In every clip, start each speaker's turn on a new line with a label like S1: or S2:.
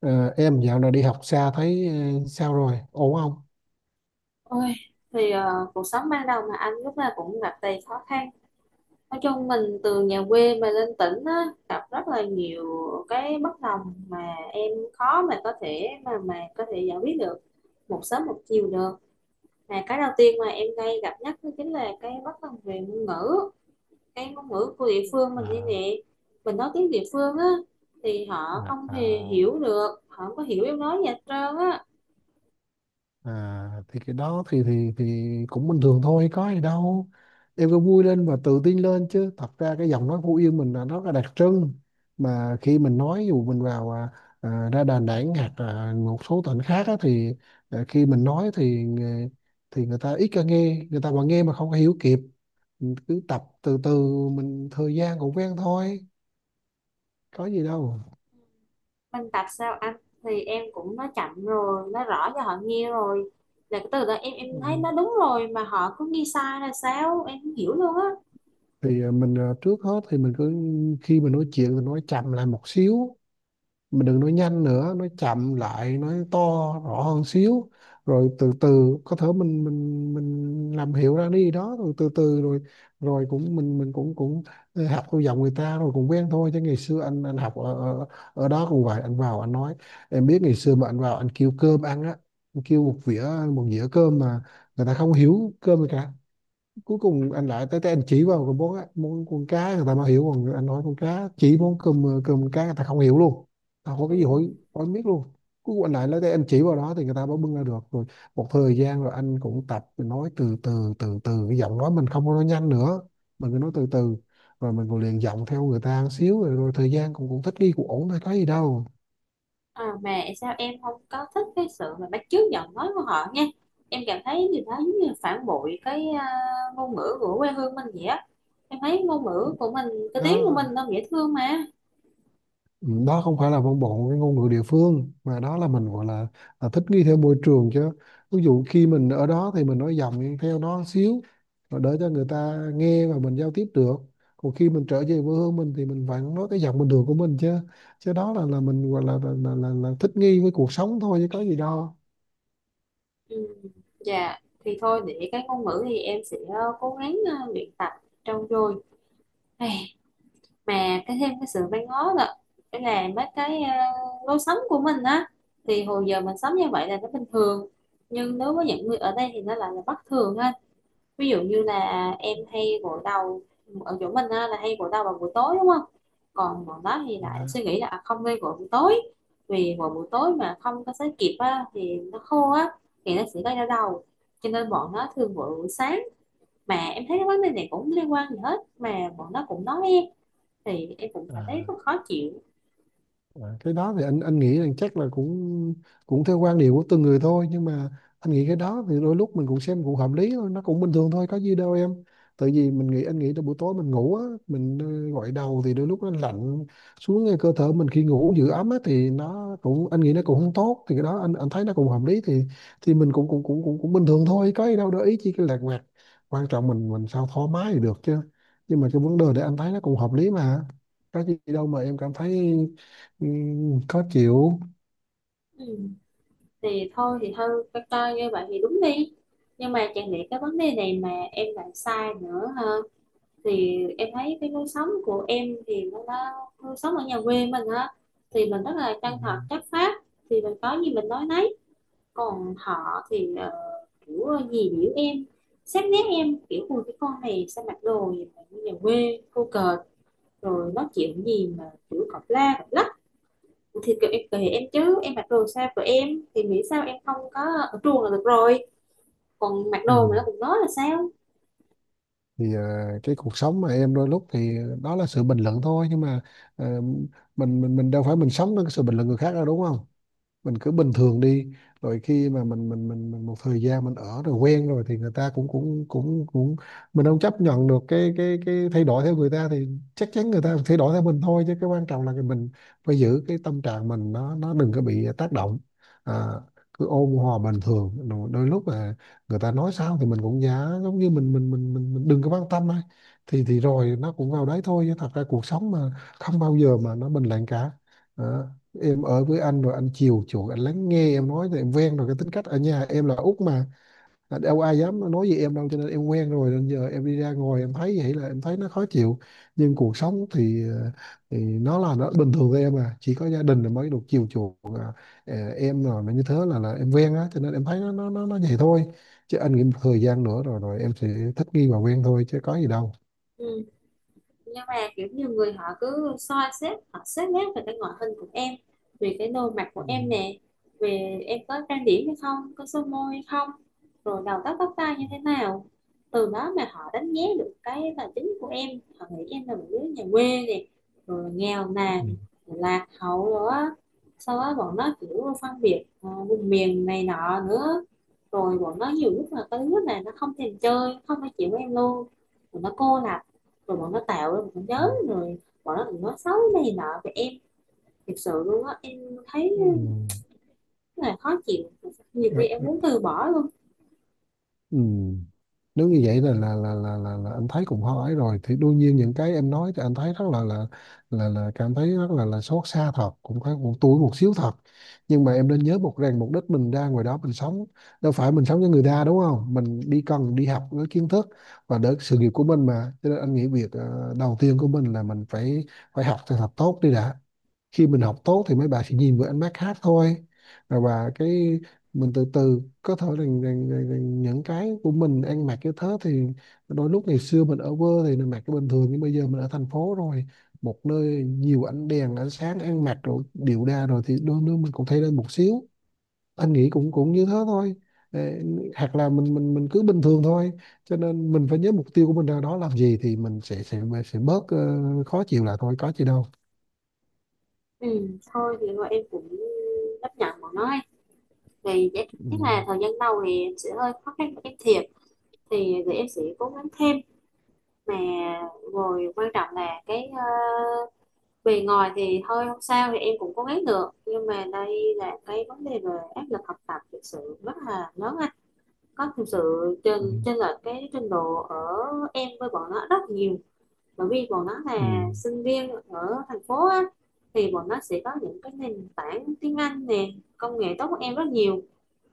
S1: Ờ, em dạo này đi học xa thấy sao rồi, ổn không?
S2: Ôi, thì cuộc sống ban đầu mà anh lúc nào cũng gặp đầy khó khăn. Nói chung mình từ nhà quê mà lên tỉnh á, gặp rất là nhiều cái bất đồng mà em khó mà có thể giải quyết được một sớm một chiều được. Mà cái đầu tiên mà em ngay gặp nhất đó chính là cái bất đồng về ngôn ngữ, cái ngôn ngữ của địa phương mình đây
S1: à,
S2: nè. Mình nói tiếng địa phương á thì họ
S1: à,
S2: không hề
S1: à,
S2: hiểu được, họ không có hiểu em nói gì hết trơn á.
S1: à thì cái đó thì thì cũng bình thường thôi, có gì đâu. Em cứ vui lên và tự tin lên, chứ thật ra cái giọng nói Phú Yên mình là nó là đặc trưng, mà khi mình nói dù mình vào ra Đà Nẵng hoặc là một số tỉnh khác á, thì khi mình nói thì thì người ta ít có nghe, người ta mà nghe mà không có hiểu kịp. Mình cứ tập từ từ, mình thời gian cũng quen thôi, có gì đâu.
S2: Minh Bạch sao anh, thì em cũng nói chậm rồi nói rõ cho họ nghe rồi, là cái từ đó em thấy
S1: Ừ,
S2: nó đúng rồi mà họ cứ nghi sai là sao em không hiểu luôn á.
S1: thì mình trước hết thì mình cứ khi mình nói chuyện thì nói chậm lại một xíu, mình đừng nói nhanh nữa, nói chậm lại, nói to rõ hơn xíu, rồi từ từ có thể mình mình làm hiểu ra đi đó, rồi từ từ rồi rồi cũng mình cũng cũng học theo giọng người ta rồi cũng quen thôi. Chứ ngày xưa anh học ở đó cũng vậy, anh vào anh nói, em biết ngày xưa mà anh vào anh kêu cơm ăn á, anh kêu một một dĩa cơm mà người ta không hiểu cơm gì cả. Cuối cùng anh lại tới tới anh chỉ vào cái món con cá người ta mới hiểu, còn anh nói con cá chỉ món cơm, cơm cá người ta không hiểu luôn, ta không có
S2: Ừ.
S1: cái gì hỏi, hỏi biết luôn. Cuối cùng anh lại tới tới anh chỉ vào đó thì người ta mới bưng ra được. Rồi một thời gian rồi anh cũng tập nói từ từ, từ từ cái giọng nói mình không có nói nhanh nữa, mình cứ nói từ từ, rồi mình còn luyện giọng theo người ta một xíu, rồi thời gian cũng cũng thích nghi cũng ổn thôi, có gì đâu.
S2: Mà sao em không có thích cái sự mà bắt chước giọng nói của họ nha, em cảm thấy điều đó giống như phản bội cái ngôn ngữ của quê hương mình vậy á, em thấy ngôn ngữ của mình, cái tiếng của
S1: Đó.
S2: mình nó dễ thương mà.
S1: Ừ, đó không phải là văn bản cái ngôn ngữ địa phương, mà đó là mình gọi là thích nghi theo môi trường chứ. Ví dụ khi mình ở đó thì mình nói giọng theo đó xíu rồi để cho người ta nghe và mình giao tiếp được, còn khi mình trở về quê hương mình thì mình vẫn nói cái giọng bình thường của mình chứ. Chứ đó là mình gọi là thích nghi với cuộc sống thôi, chứ có gì đâu.
S2: Ừ. Dạ, thì thôi để cái ngôn ngữ thì em sẽ cố gắng luyện tập, trau dồi. Mà cái thêm cái sự văn ngó là cái là mấy cái lối sống của mình á, thì hồi giờ mình sống như vậy là nó bình thường, nhưng đối với những người ở đây thì nó lại là bất thường ha. Ví dụ như là em hay gội đầu ở chỗ mình á, là hay gội đầu vào buổi tối đúng không, còn bọn đó thì lại
S1: Đó.
S2: suy nghĩ là không nên gội buổi tối, vì vào buổi tối mà không có sấy kịp á, thì nó khô á, thì nó sẽ gây đau đầu, cho nên bọn nó thường gội buổi sáng. Mà em thấy cái vấn đề này cũng liên quan gì hết mà bọn nó cũng nói em, thì em cũng cảm thấy
S1: À,
S2: rất khó chịu.
S1: À, cái đó thì anh nghĩ rằng chắc là cũng cũng theo quan điểm của từng người thôi, nhưng mà anh nghĩ cái đó thì đôi lúc mình cũng xem cũng hợp lý thôi, nó cũng bình thường thôi, có gì đâu em. Tại vì mình nghĩ, anh nghĩ là buổi tối mình ngủ á, mình gội đầu thì đôi lúc nó lạnh xuống ngay cơ thể mình, khi ngủ giữ ấm á thì nó cũng, anh nghĩ nó cũng không tốt, thì cái đó anh thấy nó cũng hợp lý. Thì mình cũng cũng bình thường thôi, có gì đâu để ý chi cái lạt vặt. Quan trọng mình sao thoải mái thì được chứ. Nhưng mà cái vấn đề để anh thấy nó cũng hợp lý mà, có gì đâu mà em cảm thấy Ừ, khó chịu.
S2: Ừ. Thì thôi thì thôi coi coi như vậy thì đúng đi, nhưng mà chẳng lẽ cái vấn đề này mà em lại sai nữa ha. Thì em thấy cái lối sống của em thì nó đã, lối sống ở nhà quê mình á, thì mình rất là
S1: Ừ.
S2: chân thật chất phác, thì mình có gì mình nói nấy. Còn họ thì kiểu gì biểu em, xét nét em kiểu ui cái con này sao mặc đồ gì mà như nhà quê cô cợt, rồi nói chuyện gì mà kiểu cọc la cọc lách. Thì kiểu em kể em chứ em mặc đồ sao của em, thì nghĩ sao em không có ở trường là được rồi, còn mặc
S1: Ừ,
S2: đồ mà nó cũng nói là sao.
S1: thì cái cuộc sống mà em đôi lúc thì đó là sự bình luận thôi, nhưng mà ờ, mình mình đâu phải mình sống với cái sự bình luận người khác đâu, đúng không? Mình cứ bình thường đi, rồi khi mà mình một thời gian mình ở rồi quen rồi thì người ta cũng cũng mình không chấp nhận được cái cái thay đổi theo người ta, thì chắc chắn người ta thay đổi theo mình thôi. Chứ cái quan trọng là cái mình phải giữ cái tâm trạng mình, nó đừng có bị tác động. à, Cứ ôn hòa bình thường, đôi lúc là người ta nói sao thì mình cũng giả giống như mình đừng có quan tâm thôi, thì rồi nó cũng vào đấy thôi. Chứ thật ra cuộc sống mà, không bao giờ mà nó bình lặng cả. Em ở với anh rồi anh chiều chuộng, anh lắng nghe em nói thì em quen rồi, cái tính cách ở nhà em là út mà, đâu ai dám nói gì em đâu, cho nên em quen rồi, nên giờ em đi ra ngoài em thấy vậy là em thấy nó khó chịu. Nhưng cuộc sống thì, thì nó là nó bình thường với em à, chỉ có gia đình là mới được chiều chuộng em, rồi mà như thế là em quen á, cho nên em thấy nó vậy thôi, chứ anh nghĩ một thời gian nữa rồi rồi em sẽ thích nghi và quen thôi, chứ có gì đâu.
S2: Ừ. Nhưng mà kiểu như người họ cứ soi xét, họ xét nét về cái ngoại hình của em, về cái nồi mặt của
S1: Ừ.
S2: em nè, về em có trang điểm hay không, có son môi hay không, rồi đầu tóc tóc tai như thế nào, từ đó mà họ đánh giá được cái tài chính của em. Họ nghĩ em là một đứa nhà quê nè, rồi nghèo
S1: Ừ.
S2: nàn, lạc hậu rồi á. Sau đó bọn nó kiểu phân biệt vùng miền này nọ nữa, rồi bọn nó nhiều lúc là có đứa này nó không thèm chơi, không phải chịu với em luôn, rồi nó cô lập, rồi bọn nó tạo ra một cái
S1: Ừ.
S2: nhóm, rồi bọn nó cũng nói xấu này nọ về em. Thực sự luôn á, em thấy rất là khó chịu, nhiều khi
S1: Ừ.
S2: em muốn từ bỏ luôn.
S1: Ừ, nếu như vậy là là anh thấy cũng hơi ấy rồi, thì đương nhiên những cái em nói thì anh thấy rất là là cảm thấy rất là xót xa thật, cũng thấy cũng tủi một xíu thật. Nhưng mà em nên nhớ một rằng mục đích mình ra ngoài đó mình sống đâu phải mình sống cho người ta, đúng không? Mình đi cần đi học với kiến thức và để sự nghiệp của mình mà, cho nên anh nghĩ việc đầu tiên của mình là mình phải phải học thật thật tốt đi đã. Khi mình học tốt thì mấy bà sẽ nhìn với ánh mắt khác thôi. Và cái mình từ từ có thể là những cái của mình ăn mặc cái thế thì đôi lúc ngày xưa mình ở quê thì mình mặc cái bình thường, nhưng bây giờ mình ở thành phố rồi, một nơi nhiều ánh đèn ánh sáng, ăn mặc rồi điệu đà rồi thì đôi lúc mình cũng thay lên một xíu. Anh nghĩ cũng cũng như thế thôi. Ê, hoặc là mình mình cứ bình thường thôi, cho nên mình phải nhớ mục tiêu của mình ra đó làm gì thì mình sẽ sẽ bớt khó chịu lại thôi, có gì đâu.
S2: Ừ, thôi thì thôi em cũng chấp nhận bọn nó ấy. Thì chắc chắc
S1: Ừ.
S2: là thời gian đầu thì em sẽ hơi khó khăn với cái thiệp, thì để em sẽ cố gắng thêm. Mà rồi quan trọng là cái bề ngoài thì thôi không sao thì em cũng cố gắng được, nhưng mà đây là cái vấn đề về áp lực học tập thực sự rất là lớn, có thực sự
S1: Ừ.
S2: trên trên là cái trình độ ở em với bọn nó rất nhiều. Bởi vì bọn nó
S1: Ừ.
S2: là sinh viên ở thành phố á, thì bọn nó sẽ có những cái nền tảng tiếng Anh nè, công nghệ tốt hơn em rất nhiều,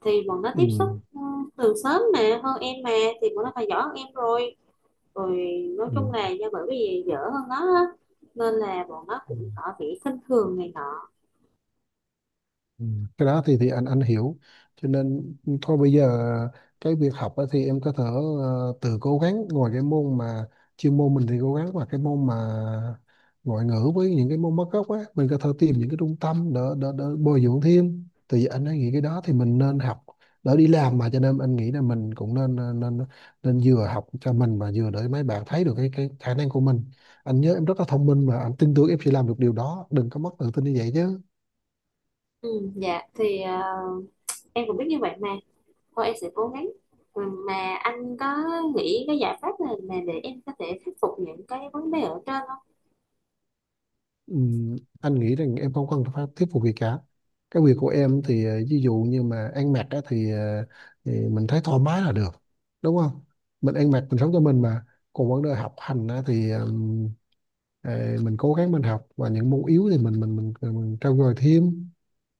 S2: thì bọn nó
S1: Ừ.
S2: tiếp xúc ừ, từ sớm mà hơn em mà, thì bọn nó phải giỏi hơn em rồi. Rồi nói chung là
S1: Ừ.
S2: do bởi vì dở hơn nó á, nên là bọn nó
S1: Ừ,
S2: cũng có bị khinh thường này nọ.
S1: Ừ, cái đó thì anh hiểu. Cho nên thôi bây giờ cái việc học á thì em có thể tự cố gắng, ngoài cái môn mà chuyên môn mình thì cố gắng, và cái môn mà ngoại ngữ với những cái môn mất gốc á, mình có thể tìm những cái trung tâm để bồi dưỡng thêm, thì anh ấy nghĩ cái đó thì mình nên học đỡ đi làm mà, cho nên anh nghĩ là mình cũng nên nên vừa học cho mình và vừa để mấy bạn thấy được cái khả năng của mình. Anh nhớ em rất là thông minh mà, anh tin tưởng em sẽ làm được điều đó, đừng có mất tự tin như vậy chứ.
S2: Ừ, dạ thì em cũng biết như vậy mà. Thôi em sẽ cố gắng. Ừ, mà anh có nghĩ cái giải pháp này mà để em có thể khắc phục những cái vấn đề ở trên không?
S1: Ừm, anh nghĩ rằng em không cần phải thuyết phục gì cả. Cái việc của em thì ví dụ như mà ăn mặc á, thì mình thấy thoải mái là được, đúng không? Mình ăn mặc mình sống cho mình mà. Còn vấn đề học hành á, thì mình cố gắng mình học, và những môn yếu thì mình trau dồi thêm.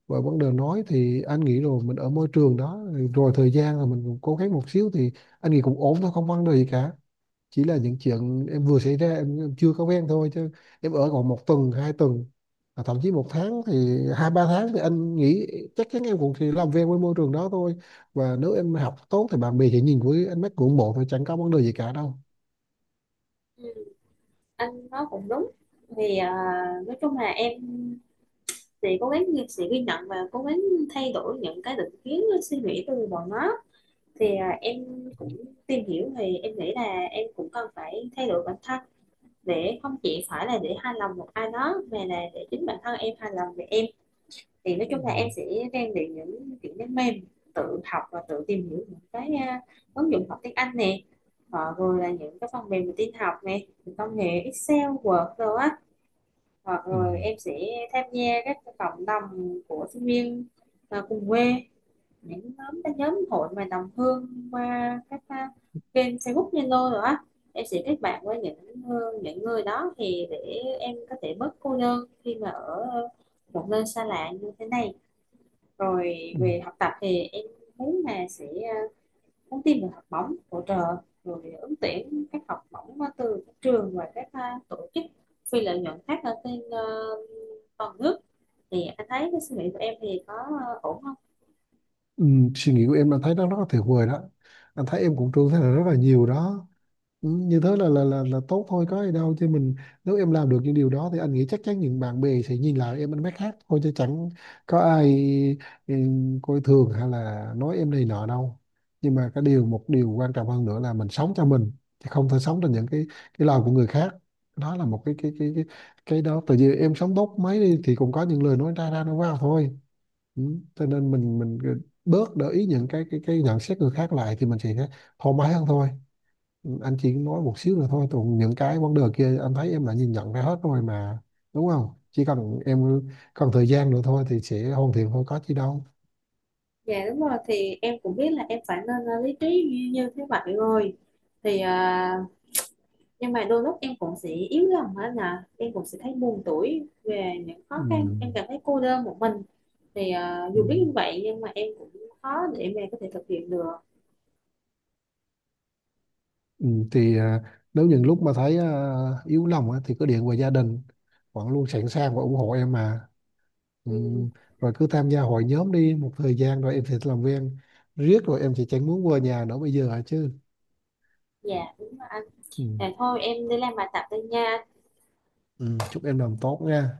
S1: Và vấn đề nói thì anh nghĩ rồi mình ở môi trường đó rồi, thời gian là mình cũng cố gắng một xíu thì anh nghĩ cũng ổn thôi, không vấn đề gì cả. Chỉ là những chuyện em vừa xảy ra em chưa có quen thôi. Chứ em ở còn một tuần hai tuần, thậm chí một tháng thì hai ba tháng thì anh nghĩ chắc chắn em cũng thì làm quen với môi trường đó thôi. Và nếu em học tốt thì bạn bè sẽ nhìn với ánh mắt ngưỡng mộ thôi, chẳng có vấn đề gì cả đâu.
S2: Ừ, anh nói cũng đúng. Vì nói chung là em sẽ cố gắng, sẽ ghi nhận và cố gắng thay đổi những cái định kiến suy nghĩ từ bọn nó. Thì em cũng tìm hiểu, thì em nghĩ là em cũng cần phải thay đổi bản thân, để không chỉ phải là để hài lòng một ai đó, mà là để chính bản thân em hài lòng về em. Thì nói
S1: Ừ.
S2: chung là em sẽ rèn luyện những kỹ năng mềm, tự học và tự tìm hiểu những cái ứng dụng học tiếng Anh nè, hoặc rồi là những cái phần mềm về tin học nè, những công nghệ Excel Word rồi á. Hoặc
S1: Ừ.
S2: rồi em sẽ tham gia các cái cộng đồng của sinh viên cùng quê, những nhóm, các nhóm hội mà đồng hương qua các kênh Facebook Zalo rồi á. Em sẽ kết bạn với những những người đó, thì để em có thể bớt cô đơn khi mà ở một nơi xa lạ như thế này. Rồi
S1: Ừ.
S2: về học tập thì em muốn là sẽ nhắn tin về học bổng hỗ trợ, rồi ứng tuyển các học bổng từ các trường và các tổ chức phi lợi nhuận khác ở trên toàn nước. Thì anh thấy cái suy nghĩ của em thì có ổn không?
S1: Ừ. Suy nghĩ của em anh thấy nó rất là tuyệt vời đó, anh thấy em cũng trưởng thành rất là nhiều đó. Ừ, như thế là là tốt thôi, có gì đâu chứ mình. Nếu em làm được những điều đó thì anh nghĩ chắc chắn những bạn bè sẽ nhìn lại em ánh mắt khác thôi, chứ chẳng có ai ừ, coi thường hay là nói em này nọ đâu. Nhưng mà cái điều một điều quan trọng hơn nữa là mình sống cho mình, chứ không thể sống cho những cái lời của người khác. Đó là một cái đó tại vì em sống tốt mấy đi thì cũng có những lời nói ra ra nó vào thôi. Ừ. Cho nên mình bớt để ý những cái cái nhận xét người khác lại thì mình sẽ thoải mái hơn thôi. Anh chỉ nói một xíu nữa thôi, còn những cái vấn đề kia anh thấy em đã nhìn nhận ra hết rồi mà, đúng không? Chỉ cần em cần thời gian nữa thôi thì sẽ hoàn thiện thôi, có chi đâu.
S2: Dạ đúng rồi, thì em cũng biết là em phải nên lý trí như thế vậy rồi. Thì nhưng mà đôi lúc em cũng sẽ yếu lòng á nè, em cũng sẽ thấy buồn tủi về những
S1: Ừ.
S2: khó khăn, em cảm thấy cô đơn một mình. Thì
S1: Ừ.
S2: dù biết như vậy nhưng mà em cũng khó để mà có thể thực hiện được.
S1: Ừ, thì nếu những lúc mà thấy yếu lòng á, thì cứ điện về, gia đình vẫn luôn sẵn sàng và ủng hộ em mà. Ừ.
S2: Ừ,
S1: Rồi cứ tham gia hội nhóm đi, một thời gian rồi em sẽ làm quen riết rồi em sẽ chẳng muốn về nhà nữa bây giờ hả chứ.
S2: dạ đúng rồi anh.
S1: Ừ.
S2: Thôi em đi làm bài tập đây nha.
S1: Ừ. Chúc em làm tốt nha.